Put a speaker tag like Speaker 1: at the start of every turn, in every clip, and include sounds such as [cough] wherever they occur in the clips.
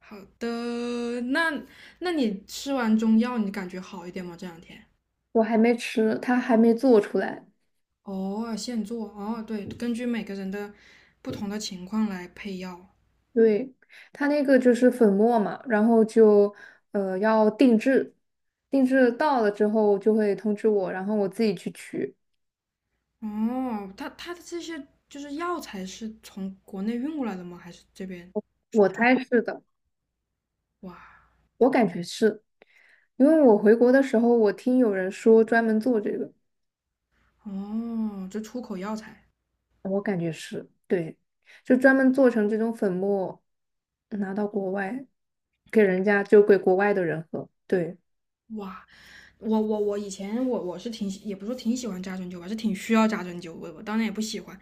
Speaker 1: 好的，那你吃完中药，你感觉好一点吗？这两天？
Speaker 2: 我还没吃，它还没做出来。
Speaker 1: 哦，现做哦，对，根据每个人的不同的情况来配药。
Speaker 2: 对，它那个就是粉末嘛，然后就要定制，定制到了之后就会通知我，然后我自己去取。
Speaker 1: 哦，它的这些就是药材是从国内运过来的吗？还是这边？
Speaker 2: 我猜是的，
Speaker 1: 哇，
Speaker 2: 我感觉是，因为我回国的时候我听有人说专门做这个，
Speaker 1: 哦，这出口药材。
Speaker 2: 我感觉是，对，就专门做成这种粉末，拿到国外给人家就给国外的人喝。对
Speaker 1: 哇，我以前我是也不是说挺喜欢扎针灸吧，是挺需要扎针灸，我当然也不喜欢。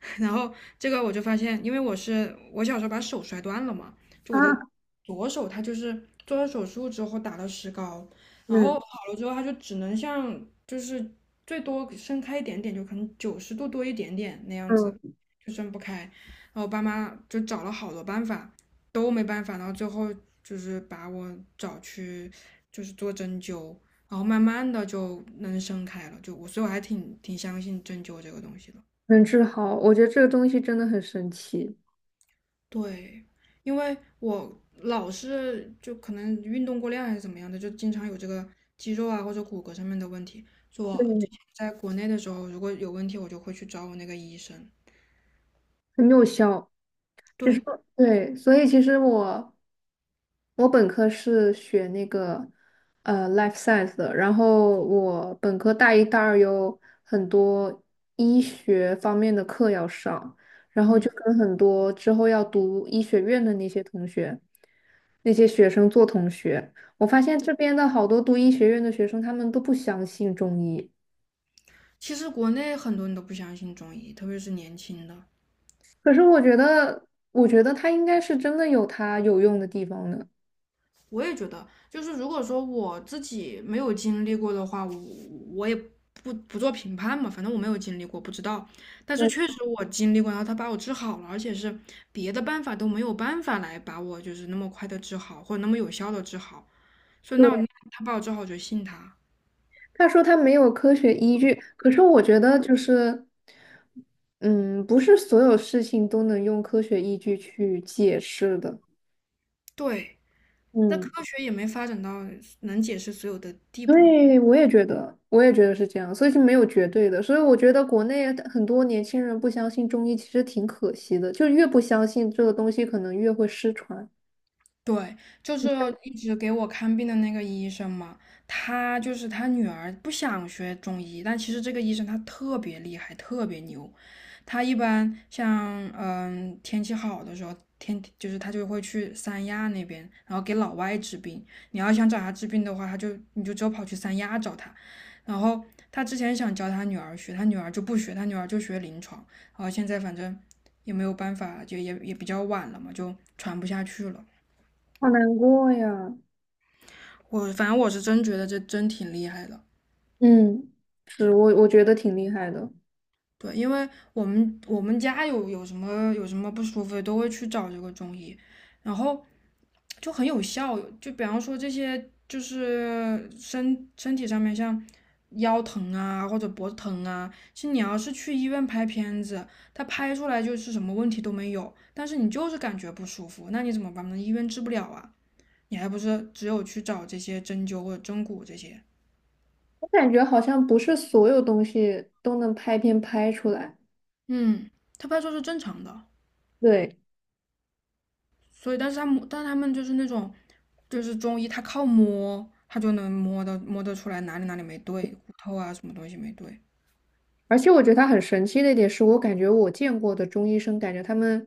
Speaker 1: [laughs] 然后这个我就发现，因为我小时候把手摔断了嘛，就我的
Speaker 2: 啊，
Speaker 1: 左手它就是做了手术之后打了石膏，然后
Speaker 2: 嗯
Speaker 1: 好了之后它就只能像就是最多伸开一点点，就可能90度多一点点那样子，
Speaker 2: 嗯，
Speaker 1: 就伸不开。然后我爸妈就找了好多办法，都没办法，到最后就是把我找去就是做针灸，然后慢慢的就能生开了，所以我还挺相信针灸这个东西的。
Speaker 2: 能治好，我觉得这个东西真的很神奇。
Speaker 1: 对，因为我老是就可能运动过量还是怎么样的，就经常有这个肌肉啊或者骨骼上面的问题。就我
Speaker 2: 对，
Speaker 1: 之前在国内的时候，如果有问题，我就会去找我那个医生。
Speaker 2: 很有效。就是
Speaker 1: 对，
Speaker 2: 对，所以其实我本科是学那个life science 的，然后我本科大一、大二有很多医学方面的课要上，然后就跟很多之后要读医学院的那些同学、那些学生做同学。我发现这边的好多读医学院的学生，他们都不相信中医，
Speaker 1: 其实国内很多人都不相信中医，特别是年轻的。
Speaker 2: 可是我觉得，我觉得它应该是真的有它有用的地方的。
Speaker 1: 我也觉得，就是如果说我自己没有经历过的话，我也不做评判嘛，反正我没有经历过，不知道。但是确实我经历过，然后他把我治好了，而且是别的办法都没有办法来把我就是那么快的治好，或者那么有效的治好。所以那我
Speaker 2: 对，
Speaker 1: 那他把我治好，我就信他。
Speaker 2: 他说他没有科学依据，可是我觉得就是，嗯，不是所有事情都能用科学依据去解释的。
Speaker 1: 对，那科
Speaker 2: 嗯，
Speaker 1: 学也没发展到能解释所有的地步嘛。
Speaker 2: 对，我也觉得，我也觉得是这样，所以是没有绝对的。所以我觉得国内很多年轻人不相信中医，其实挺可惜的，就越不相信这个东西，可能越会失传，
Speaker 1: 对，就是一直给我看病的那个医生嘛，他就是他女儿不想学中医，但其实这个医生他特别厉害，特别牛。他一般像天气好的时候，就是他就会去三亚那边，然后给老外治病。你要想找他治病的话，你就只有跑去三亚找他。然后他之前想教他女儿学，他女儿就不学，他女儿就学临床。然后现在反正也没有办法，就也比较晚了嘛，就传不下去了。
Speaker 2: 好难过呀。
Speaker 1: 我反正我是真觉得这真挺厉害的。
Speaker 2: 嗯，是我觉得挺厉害的，
Speaker 1: 对，因为我们家有有什么有什么不舒服都会去找这个中医，然后就很有效。就比方说这些，就是身体上面像腰疼啊或者脖子疼啊，其实你要是去医院拍片子，他拍出来就是什么问题都没有，但是你就是感觉不舒服，那你怎么办呢？医院治不了啊，你还不是只有去找这些针灸或者针骨这些。
Speaker 2: 我感觉好像不是所有东西都能拍片拍出来。
Speaker 1: 嗯，他拍出来是正常的。
Speaker 2: 对。
Speaker 1: 所以但是他摸，但他们就是那种就是中医，他靠摸，他就能摸得出来哪里哪里没对，骨头啊什么东西没对。
Speaker 2: 而且我觉得他很神奇的一点是，我感觉我见过的中医生，感觉他们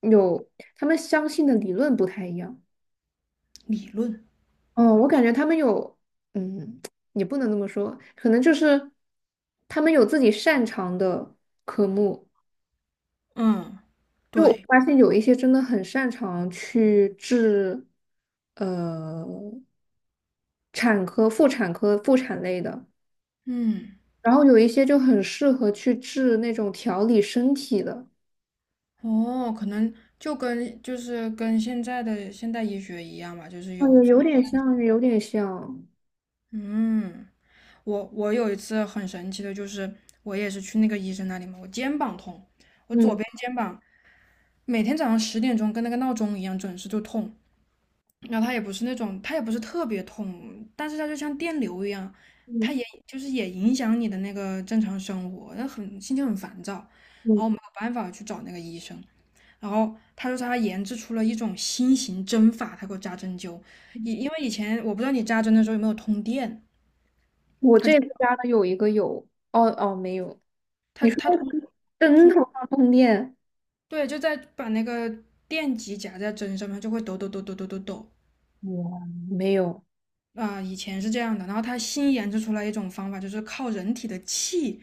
Speaker 2: 有他们相信的理论不太一样。
Speaker 1: 理论。
Speaker 2: 哦，我感觉他们有，嗯，也不能这么说，可能就是他们有自己擅长的科目。
Speaker 1: 嗯，
Speaker 2: 就我
Speaker 1: 对，
Speaker 2: 发现有一些真的很擅长去治，呃，产科、妇产科、妇产类的，
Speaker 1: 嗯，
Speaker 2: 然后有一些就很适合去治那种调理身体的。
Speaker 1: 哦，可能就是跟现在的现代医学一样吧，就是
Speaker 2: 哦，
Speaker 1: 有，
Speaker 2: 也有点像，有点像。
Speaker 1: 嗯，我有一次很神奇的，就是我也是去那个医生那里嘛，我肩膀痛，我左
Speaker 2: 嗯
Speaker 1: 边肩膀每天早上10点钟跟那个闹钟一样准时就痛，然后它也不是那种，它也不是特别痛，但是它就像电流一样，它
Speaker 2: 嗯
Speaker 1: 也就是也影响你的那个正常生活，那很心情很烦躁，然
Speaker 2: 嗯，
Speaker 1: 后我没有办法去找那个医生，然后他说他研制出了一种新型针法，他给我扎针灸，
Speaker 2: 嗯
Speaker 1: 因为以前我不知道你扎针的时候有没有通电，
Speaker 2: 我这次家的有一个有，哦哦没有，
Speaker 1: 他
Speaker 2: 你说
Speaker 1: 他通
Speaker 2: 的灯头上通电，
Speaker 1: 对就在把那个电极夹在针上面，它就会抖抖抖抖抖抖抖，
Speaker 2: 哇，没有，
Speaker 1: 啊、以前是这样的，然后他新研制出来一种方法，就是靠人体的气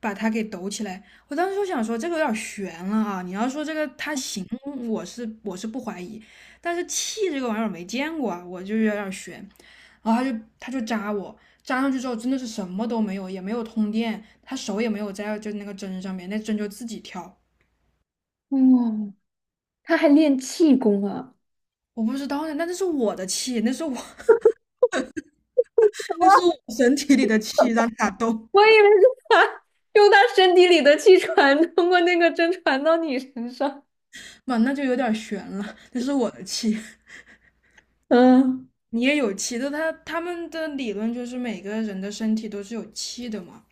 Speaker 1: 把它给抖起来。我当时就想说，这个有点悬了啊！你要说这个它行，我是不怀疑，但是气这个玩意儿没见过啊，我就有点悬。然后他就扎我，扎上去之后真的是什么都没有，也没有通电，他手也没有在就那个针上面，那针就自己跳。
Speaker 2: 哇，他还练气功啊，
Speaker 1: 我不知道呢，那这是我的气，那是我 [laughs] 那是我身体里的气让他动，
Speaker 2: 我以为是他用他身体里的气传通过那个针传到你身上。
Speaker 1: 妈，那就有点悬了，那是我的气。
Speaker 2: 嗯，
Speaker 1: 你也有气的，他他们的理论就是每个人的身体都是有气的嘛。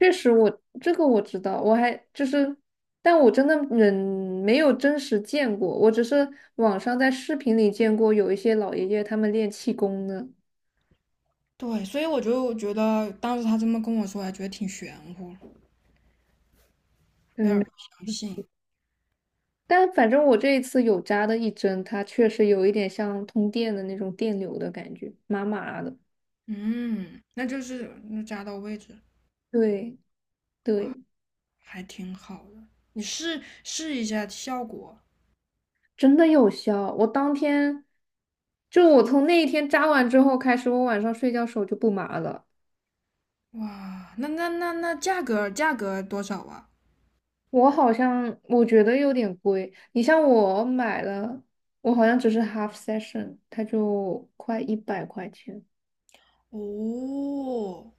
Speaker 2: 确实我这个我知道，我还就是，但我真的人没有真实见过，我只是网上在视频里见过有一些老爷爷他们练气功的。
Speaker 1: 对，所以我就觉得当时他这么跟我说，还觉得挺玄乎，有点
Speaker 2: 嗯。
Speaker 1: 不相信。
Speaker 2: 但反正我这一次有扎的一针，它确实有一点像通电的那种电流的感觉，麻麻的。
Speaker 1: 嗯，那就是那扎到位置，
Speaker 2: 对对，
Speaker 1: 还挺好的。你试试一下效果。
Speaker 2: 真的有效。我当天，就我从那一天扎完之后开始，我晚上睡觉手就不麻了。
Speaker 1: 哇，那价格多少啊？
Speaker 2: 我好像我觉得有点贵，你像我买了，我好像只是 half session,它就快100块钱。
Speaker 1: 哦，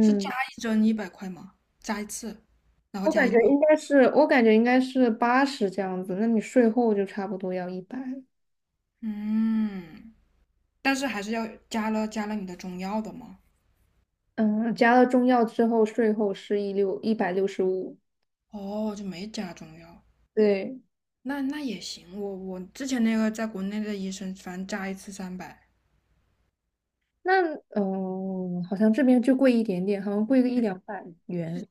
Speaker 1: 是扎一针100块吗？扎一次，然后
Speaker 2: 我
Speaker 1: 加
Speaker 2: 感
Speaker 1: 药。
Speaker 2: 觉应该是，我感觉应该是80这样子，那你税后就差不多要一百。
Speaker 1: 嗯，但是还是要加了你的中药的吗？
Speaker 2: 嗯，加了中药之后，税后是165。
Speaker 1: 哦，就没加中药，
Speaker 2: 对，
Speaker 1: 那那也行。我我之前那个在国内的医生，反正加一次300，
Speaker 2: 那好像这边就贵一点点，好像贵个一两百元。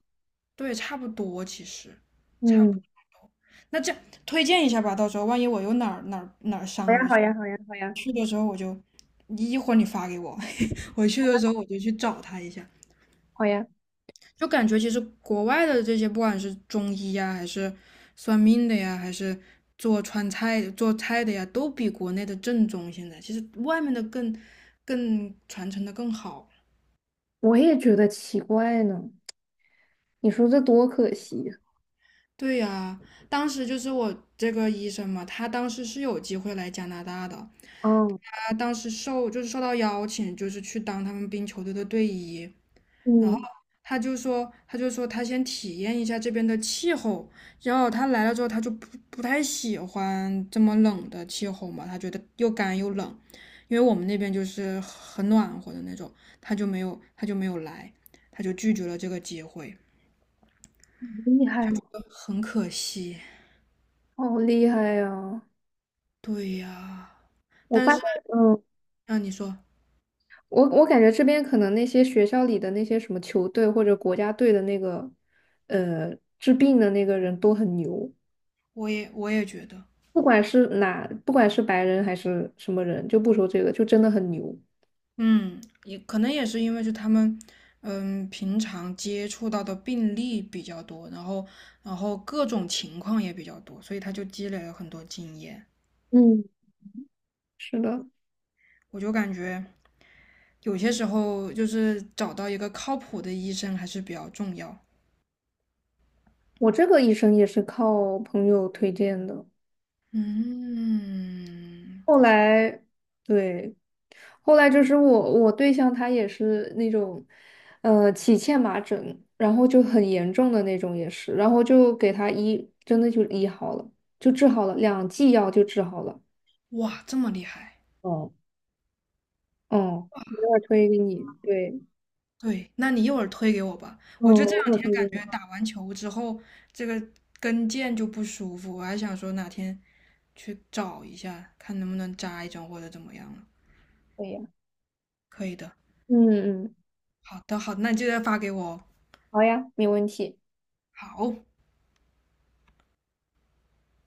Speaker 1: 对，差不多其实，差不
Speaker 2: 嗯，
Speaker 1: 多。那这样推荐一下吧，到时候万一我又哪儿哪儿哪儿
Speaker 2: 好
Speaker 1: 伤
Speaker 2: 呀，
Speaker 1: 了，我
Speaker 2: 好呀，好呀，好呀，
Speaker 1: 去的时候我就，一会儿你发给我，[laughs] 我去的时候我就去找他一下。
Speaker 2: 好呀，
Speaker 1: 就感觉其实国外的这些，不管是中医呀，还是算命的呀，还是做川菜做菜的呀，都比国内的正宗。现在其实外面的更传承的更好。
Speaker 2: 我也觉得奇怪呢。你说这多可惜呀！
Speaker 1: 对呀，当时就是我这个医生嘛，他当时是有机会来加拿大的，
Speaker 2: 嗯
Speaker 1: 他当时就是受到邀请，就是去当他们冰球队的队医。然后
Speaker 2: 嗯，
Speaker 1: 他就说，他就说他先体验一下这边的气候，然后他来了之后，他就不太喜欢这么冷的气候嘛，他觉得又干又冷，因为我们那边就是很暖和的那种，他就没有来，他就拒绝了这个机会，
Speaker 2: 厉害，
Speaker 1: 很可惜。
Speaker 2: 好厉害呀！
Speaker 1: 对呀，
Speaker 2: 我
Speaker 1: 但
Speaker 2: 发
Speaker 1: 是
Speaker 2: 现，嗯，
Speaker 1: 啊，你说，
Speaker 2: 我感觉这边可能那些学校里的那些什么球队或者国家队的那个，治病的那个人都很牛。
Speaker 1: 我也觉得。
Speaker 2: 不管是哪，不管是白人还是什么人，就不说这个，就真的很牛。
Speaker 1: 嗯，也可能也是因为就他们，嗯，平常接触到的病例比较多，然后各种情况也比较多，所以他就积累了很多经验。
Speaker 2: 嗯，是的，
Speaker 1: 我就感觉有些时候就是找到一个靠谱的医生还是比较重要。
Speaker 2: 我这个医生也是靠朋友推荐的。
Speaker 1: 嗯，
Speaker 2: 后来，对，后来就是我对象他也是那种，起荨麻疹，然后就很严重的那种也是，然后就给他医，真的就医好了，就治好了，两剂药就治好了。
Speaker 1: 哇，这么厉害！
Speaker 2: 哦，哦，一会儿推给你，对，
Speaker 1: 对，那你一会儿推给我吧。
Speaker 2: 嗯，
Speaker 1: 我就这
Speaker 2: 我会
Speaker 1: 两天
Speaker 2: 推给
Speaker 1: 感觉
Speaker 2: 你。
Speaker 1: 打完球之后，这个跟腱就不舒服，我还想说哪天去找一下，看能不能扎一针或者怎么样了。
Speaker 2: 对呀，
Speaker 1: 可以的，
Speaker 2: 嗯嗯。
Speaker 1: 好的，好的，那你记得发给我哦
Speaker 2: 好呀，没问题。
Speaker 1: 好。